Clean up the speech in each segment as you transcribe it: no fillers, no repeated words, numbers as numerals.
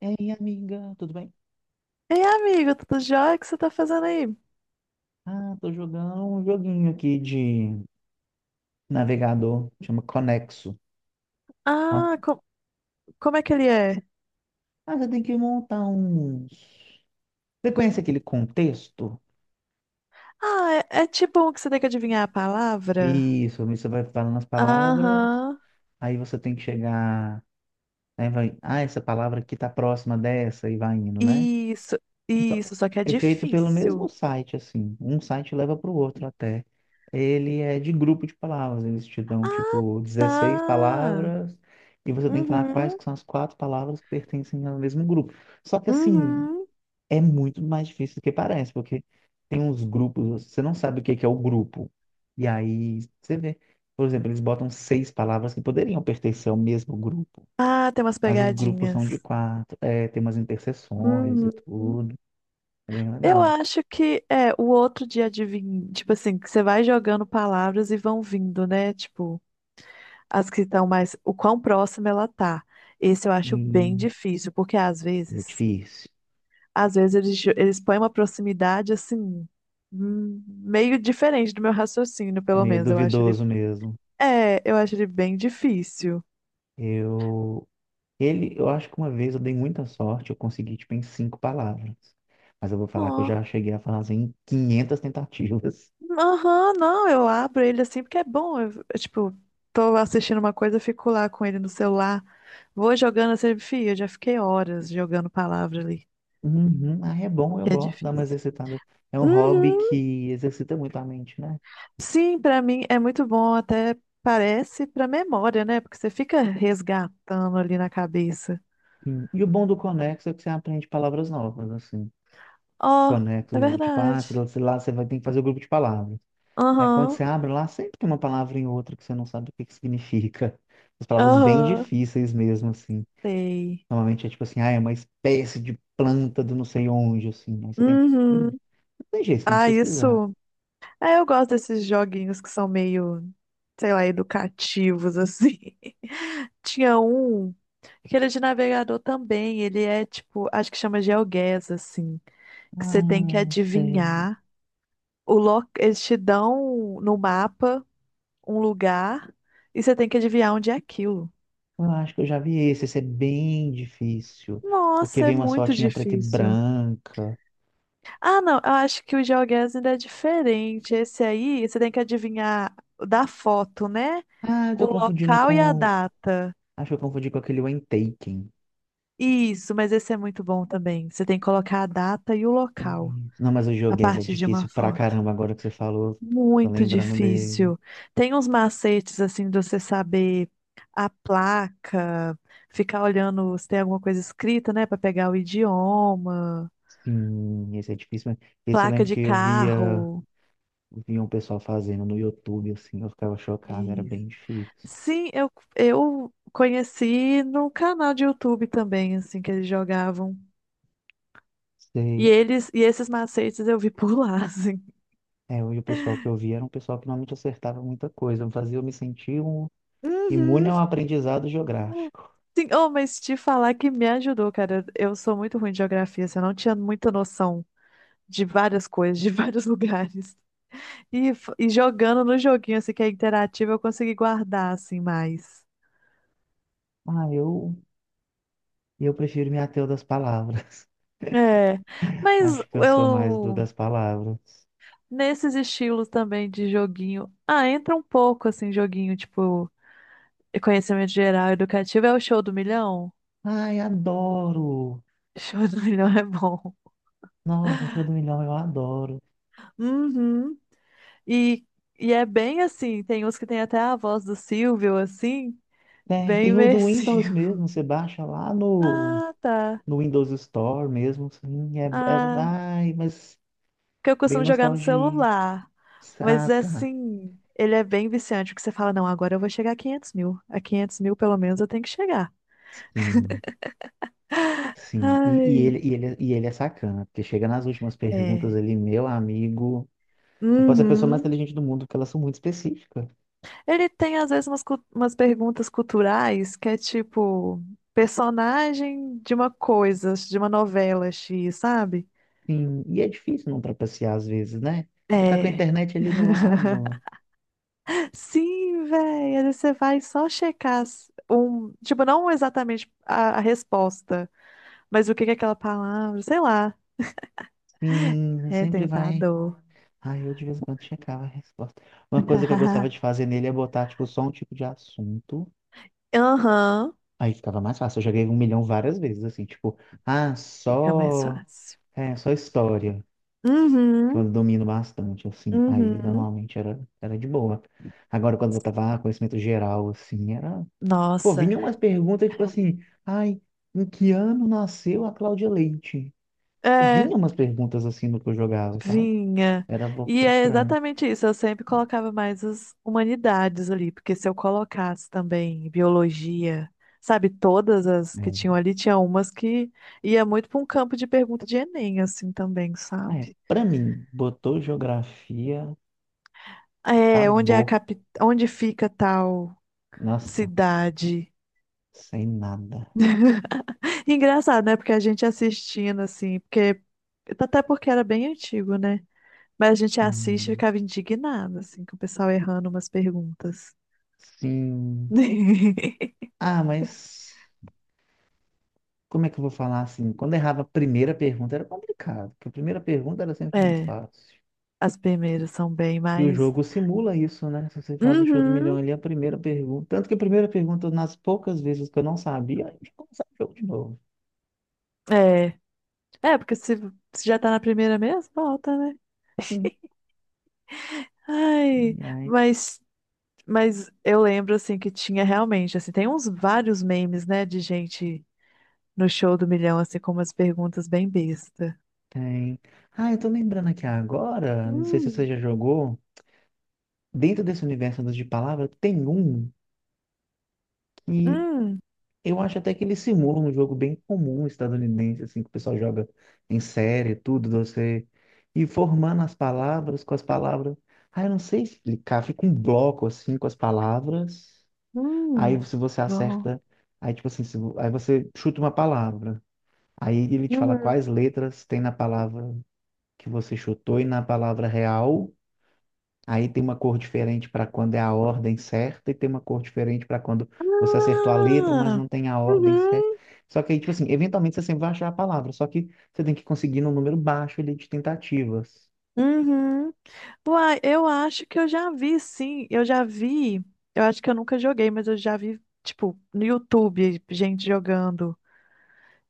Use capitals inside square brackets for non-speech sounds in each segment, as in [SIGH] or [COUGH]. E aí, amiga, tudo bem? Ei, amigo, tá tudo jóia? O que você tá fazendo aí? Ah, tô jogando um joguinho aqui de navegador, chama Conexo. Ó. Ah, co- Como é que ele é? Ah, você tem que montar uns. Você conhece aquele contexto? Ah, é tipo um que você tem que adivinhar a palavra? Isso, você vai falando as palavras, Aham. aí você tem que chegar. Aí vai, ah, essa palavra aqui tá próxima dessa, e vai indo, né? Isso, Então, isso, só que é é feito pelo mesmo difícil. site, assim. Um site leva para o outro até. Ele é de grupo de palavras. Eles te dão, Ah, tipo, dezesseis tá. palavras e você tem que falar quais Uhum, que são as quatro palavras que pertencem ao mesmo grupo. Só que, assim, uhum. é muito mais difícil do que parece, porque tem uns grupos, você não sabe o que que é o grupo. E aí, você vê. Por exemplo, eles botam seis palavras que poderiam pertencer ao mesmo grupo, Ah, tem umas mas os grupos são pegadinhas. de quatro. É, tem umas interseções e Uhum. tudo. É bem Eu legal. acho que é o outro de adivinhar, tipo assim, que você vai jogando palavras e vão vindo, né? Tipo. As que estão mais, o quão próxima ela tá. Esse eu acho bem Hum, difícil, porque às é vezes, difícil. às vezes eles põem uma proximidade assim, meio diferente do meu raciocínio, É pelo meio menos. Duvidoso mesmo. Eu acho ele bem difícil. Eu, eu acho que uma vez eu dei muita sorte, eu consegui, tipo, em cinco palavras. Mas eu vou falar que eu Ó, já cheguei a fazer em 500 tentativas. aham, não, eu abro ele assim porque é bom. Tipo, tô assistindo uma coisa, eu fico lá com ele no celular, vou jogando assim, fia, eu já fiquei horas jogando palavra ali, Uhum, ah, é bom, eu que é gosto de dar uma difícil. exercitada. É um hobby Uhum, que exercita muito a mente, né? sim, para mim é muito bom, até parece para memória, né? Porque você fica resgatando ali na cabeça. Sim. E o bom do Conexo é que você aprende palavras novas, assim. Ó, é Conexo, tipo, ah, verdade. Sei lá, você vai ter que fazer o grupo de palavras. Aí quando Aham, você abre lá, sempre tem uma palavra em outra que você não sabe o que que significa. As palavras bem aham, difíceis mesmo, assim. sei. Normalmente é tipo assim, ah, é uma espécie de planta do não sei onde, assim. Aí você tem que. Uhum. Não tem jeito, você tem que Ah, pesquisar. isso. Ah, eu gosto desses joguinhos que são meio, sei lá, educativos, assim. [LAUGHS] Tinha um, que ele é de navegador também. Ele é tipo, acho que chama GeoGuess, assim. Que Ah, você tem que não sei. adivinhar o local. Eles te dão no mapa, um lugar e você tem que adivinhar onde é aquilo. Eu acho que eu já vi esse. Esse é bem difícil. Porque Nossa, é vem uma muito fotinha preta e difícil. branca. Ah, não, eu acho que o GeoGuessr ainda é diferente. Esse aí, você tem que adivinhar da foto, né? Ah, eu O tô confundindo local e a com. data. Acho que eu confundi com aquele When Taken. Isso, mas esse é muito bom também. Você tem que colocar a data e o local Isso. Não, mas o a joguei, é partir de uma difícil pra foto. caramba agora que você falou. Tô Muito lembrando dele. difícil. Tem uns macetes assim de você saber a placa, ficar olhando se tem alguma coisa escrita, né, para pegar o idioma. Sim, esse é difícil, mas esse eu Placa lembro de que eu via, carro. via um pessoal fazendo no YouTube, assim, eu ficava chocado, era Isso. bem difícil. Sim, eu conheci no canal de YouTube também, assim, que eles jogavam. E Sei, eles e esses macetes eu vi por lá, [LAUGHS] assim. é, hoje o pessoal que eu via era um pessoal que normalmente acertava muita coisa, fazia eu me sentir um, imune Uhum. ao aprendizado geográfico. Sim, oh, mas te falar que me ajudou, cara. Eu sou muito ruim de geografia, assim, eu não tinha muita noção de várias coisas, de vários [LAUGHS] lugares. E jogando no joguinho, assim, que é interativo, eu consegui guardar, assim, mais. Ah, eu prefiro me ater ao das palavras. É, [LAUGHS] mas Acho que eu sou mais do eu das palavras. nesses estilos também de joguinho. Ah, entra um pouco assim, joguinho tipo conhecimento geral educativo. É o Show do Milhão? Ai, adoro! Show do [LAUGHS] Milhão é bom. Nossa, Show do Milhão, eu adoro. Uhum. E, e é bem assim, tem uns que tem até a voz do Silvio, assim, Tem, bem tem o do Windows imersivo. [LAUGHS] mesmo, você baixa lá no Ah, tá. no Windows Store mesmo, sim, Ah, ai, mas que eu bem costumo jogar no nostalgia. celular. Ah, Mas tá. assim, ele é bem viciante, porque você fala, não, agora eu vou chegar a 500 mil. A 500 mil, pelo menos, eu tenho que chegar. Sim, sim. E, e ele, Ai, e, ele, e ele é sacana, porque chega nas últimas perguntas é. ali, meu amigo, você pode ser a pessoa mais Uhum. inteligente do mundo, porque elas são muito específicas. Ele tem, às vezes, umas perguntas culturais que é tipo personagem de uma coisa, de uma novela X, sabe? Sim, e é difícil não trapacear às vezes, né? Você tá com a É. internet ali do lado. [LAUGHS] Sim, velho. Às vezes você vai só checar um, tipo, não exatamente a resposta, mas o que que é aquela palavra, sei lá. Sim, você É sempre vai. tentador. Ai, eu de vez em quando checava a resposta. Uma coisa que eu gostava [LAUGHS] de fazer nele é botar, tipo, só um tipo de assunto. Aham. Aí ficava mais fácil. Eu joguei um milhão várias vezes, assim, tipo, ah, Fica mais só, fácil. Só história, que Uhum. eu domino bastante, assim. Aí Uhum. normalmente era de boa. Agora, quando eu tava conhecimento geral, assim, era. Pô, Nossa. vinha umas perguntas, tipo assim, ai, em que ano nasceu a Cláudia Leite? É. Vinha umas perguntas assim no que eu jogava, sabe? Vinha. Era um pouco E é frustrante. exatamente isso. Eu sempre colocava mais as humanidades ali, porque se eu colocasse também biologia, sabe, todas as que É. tinham ali, tinha umas que ia muito para um campo de pergunta de Enem, assim também, Ah, é. sabe? Pra mim, botou geografia, É, onde é a acabou. capi... onde fica tal Nossa, cidade? sem nada. [LAUGHS] Engraçado, né? Porque a gente assistindo, assim, porque até porque era bem antigo, né? Mas a gente assiste e Sim. ficava indignado, assim, com o pessoal errando umas perguntas. Sim. [LAUGHS] Ah, mas como é que eu vou falar assim? Quando eu errava a primeira pergunta era complicado, porque a primeira pergunta era sempre muito É, fácil. as primeiras são bem E o mais. jogo simula isso, né? Se você faz o show do milhão Uhum, ali, a primeira pergunta. Tanto que a primeira pergunta, nas poucas vezes que eu não sabia, a gente começava o jogo de novo. é. É, porque se já tá na primeira mesmo, volta, né? Sim. Ai, E aí mas, mas eu lembro, assim, que tinha realmente, assim, tem uns vários memes, né, de gente no Show do Milhão, assim, com umas perguntas bem besta. tem. Ah, eu tô lembrando aqui agora, não sei se você Hum, já jogou, dentro desse universo dos de palavra, tem um. Que hum, Eu acho até que ele simula um jogo bem comum estadunidense, assim, que o pessoal joga em série, tudo, você ir formando as palavras com as palavras. Ah, eu não sei explicar, fica um bloco, assim, com as palavras. Aí, hum. se você Bom. acerta, aí, tipo assim, se vo- aí você chuta uma palavra. Aí ele te fala Uhum. quais letras tem na palavra que você chutou e na palavra real. Aí tem uma cor diferente para quando é a ordem certa e tem uma cor diferente para quando você acertou a letra, mas Ah, não tem a ordem certa. uhum, Só que aí, tipo assim, eventualmente você sempre vai achar a palavra, só que você tem que conseguir num número baixo ali de tentativas. uhum. Uai, eu acho que eu já vi, sim. Eu já vi. Eu acho que eu nunca joguei, mas eu já vi, tipo, no YouTube, gente jogando.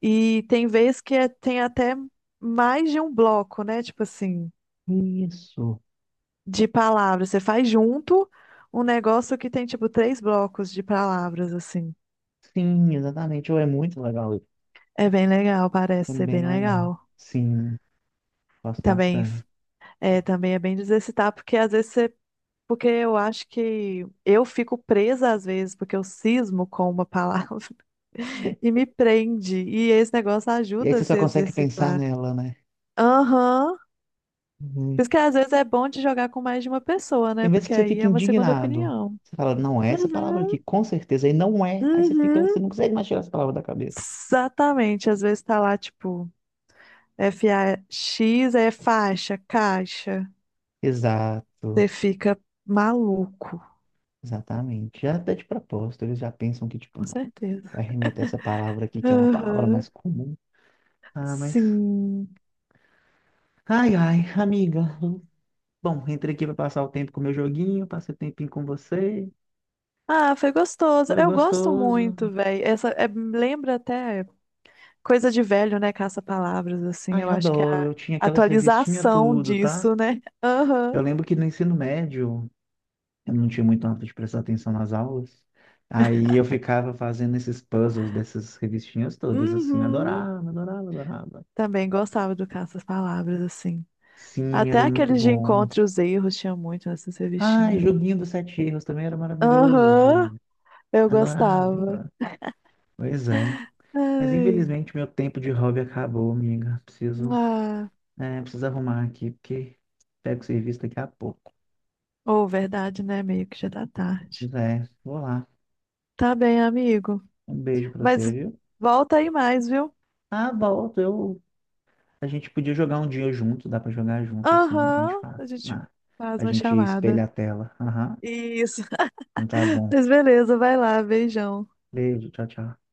E tem vez que tem até mais de um bloco, né? Tipo assim, Isso. de palavras. Você faz junto um negócio que tem, tipo, três blocos de palavras, assim. Sim, exatamente. Oh, é muito legal isso. É bem legal, É parece ser bem bem legal. legal. Sim, gosto Também bastante. f- também é bem de exercitar, porque às vezes você. Porque eu acho que eu fico presa às vezes, porque eu cismo com uma [LAUGHS] palavra. E me prende. E esse negócio E aí ajuda a você só se consegue pensar exercitar. nela, né? Aham. Uhum. Por isso que às vezes é bom de jogar com mais de uma pessoa, né? Tem vezes Porque que você aí fica é uma segunda indignado. opinião. Você fala, não, é essa palavra aqui, Uhum, com certeza. E não é. Aí você fica, você uhum. não consegue mais tirar essa palavra da cabeça. Exatamente. Às vezes tá lá, tipo, FAX é faixa, caixa. Exato, Você fica maluco. exatamente. Já até de propósito, eles já pensam que, tipo, Com não, certeza. vai remeter essa palavra aqui, que é uma palavra Aham. mais comum. Ah, mas. Sim. Ai, ai, amiga. Bom, entrei aqui pra passar o tempo com o meu joguinho, passei o tempinho com você. Ah, foi gostoso. Foi Eu gosto gostoso. muito, velho. Essa lembra até a coisa de velho, né? Caça-palavras, assim. Ai, Eu acho que é adoro. a Eu tinha aquelas revistinhas atualização tudo, tá? disso, né? Aham. Eu lembro que no ensino médio, eu não tinha muito hábito de prestar atenção nas aulas. Aí eu ficava fazendo esses puzzles dessas revistinhas todas, assim, Uhum. adorava, adorava, adorava. Também gostava do caça-palavras, assim. Sim, Até era muito aqueles de bom. encontro e os erros tinha muito nessas Ai, revistinhas. joguinho dos sete erros também era Aham. maravilhoso. Eu gostava. Adorava. Pois é. Mas Ai. infelizmente meu tempo de hobby acabou, amiga. Preciso, Ah. Preciso arrumar aqui, porque pego o serviço daqui a pouco. Ou verdade, né? Meio que já tá tarde. Pois é, vou lá. Tá bem, amigo. Um beijo pra você, Mas viu? volta aí mais, viu? Ah, volto. Eu... A gente podia jogar um dia junto, dá pra jogar junto assim, a gente Aham. faz. A gente Ah, faz a uma gente chamada. espelha a tela. Aham. Isso. Então tá [LAUGHS] bom. Mas beleza, vai lá. Beijão. Beijo, tchau, tchau.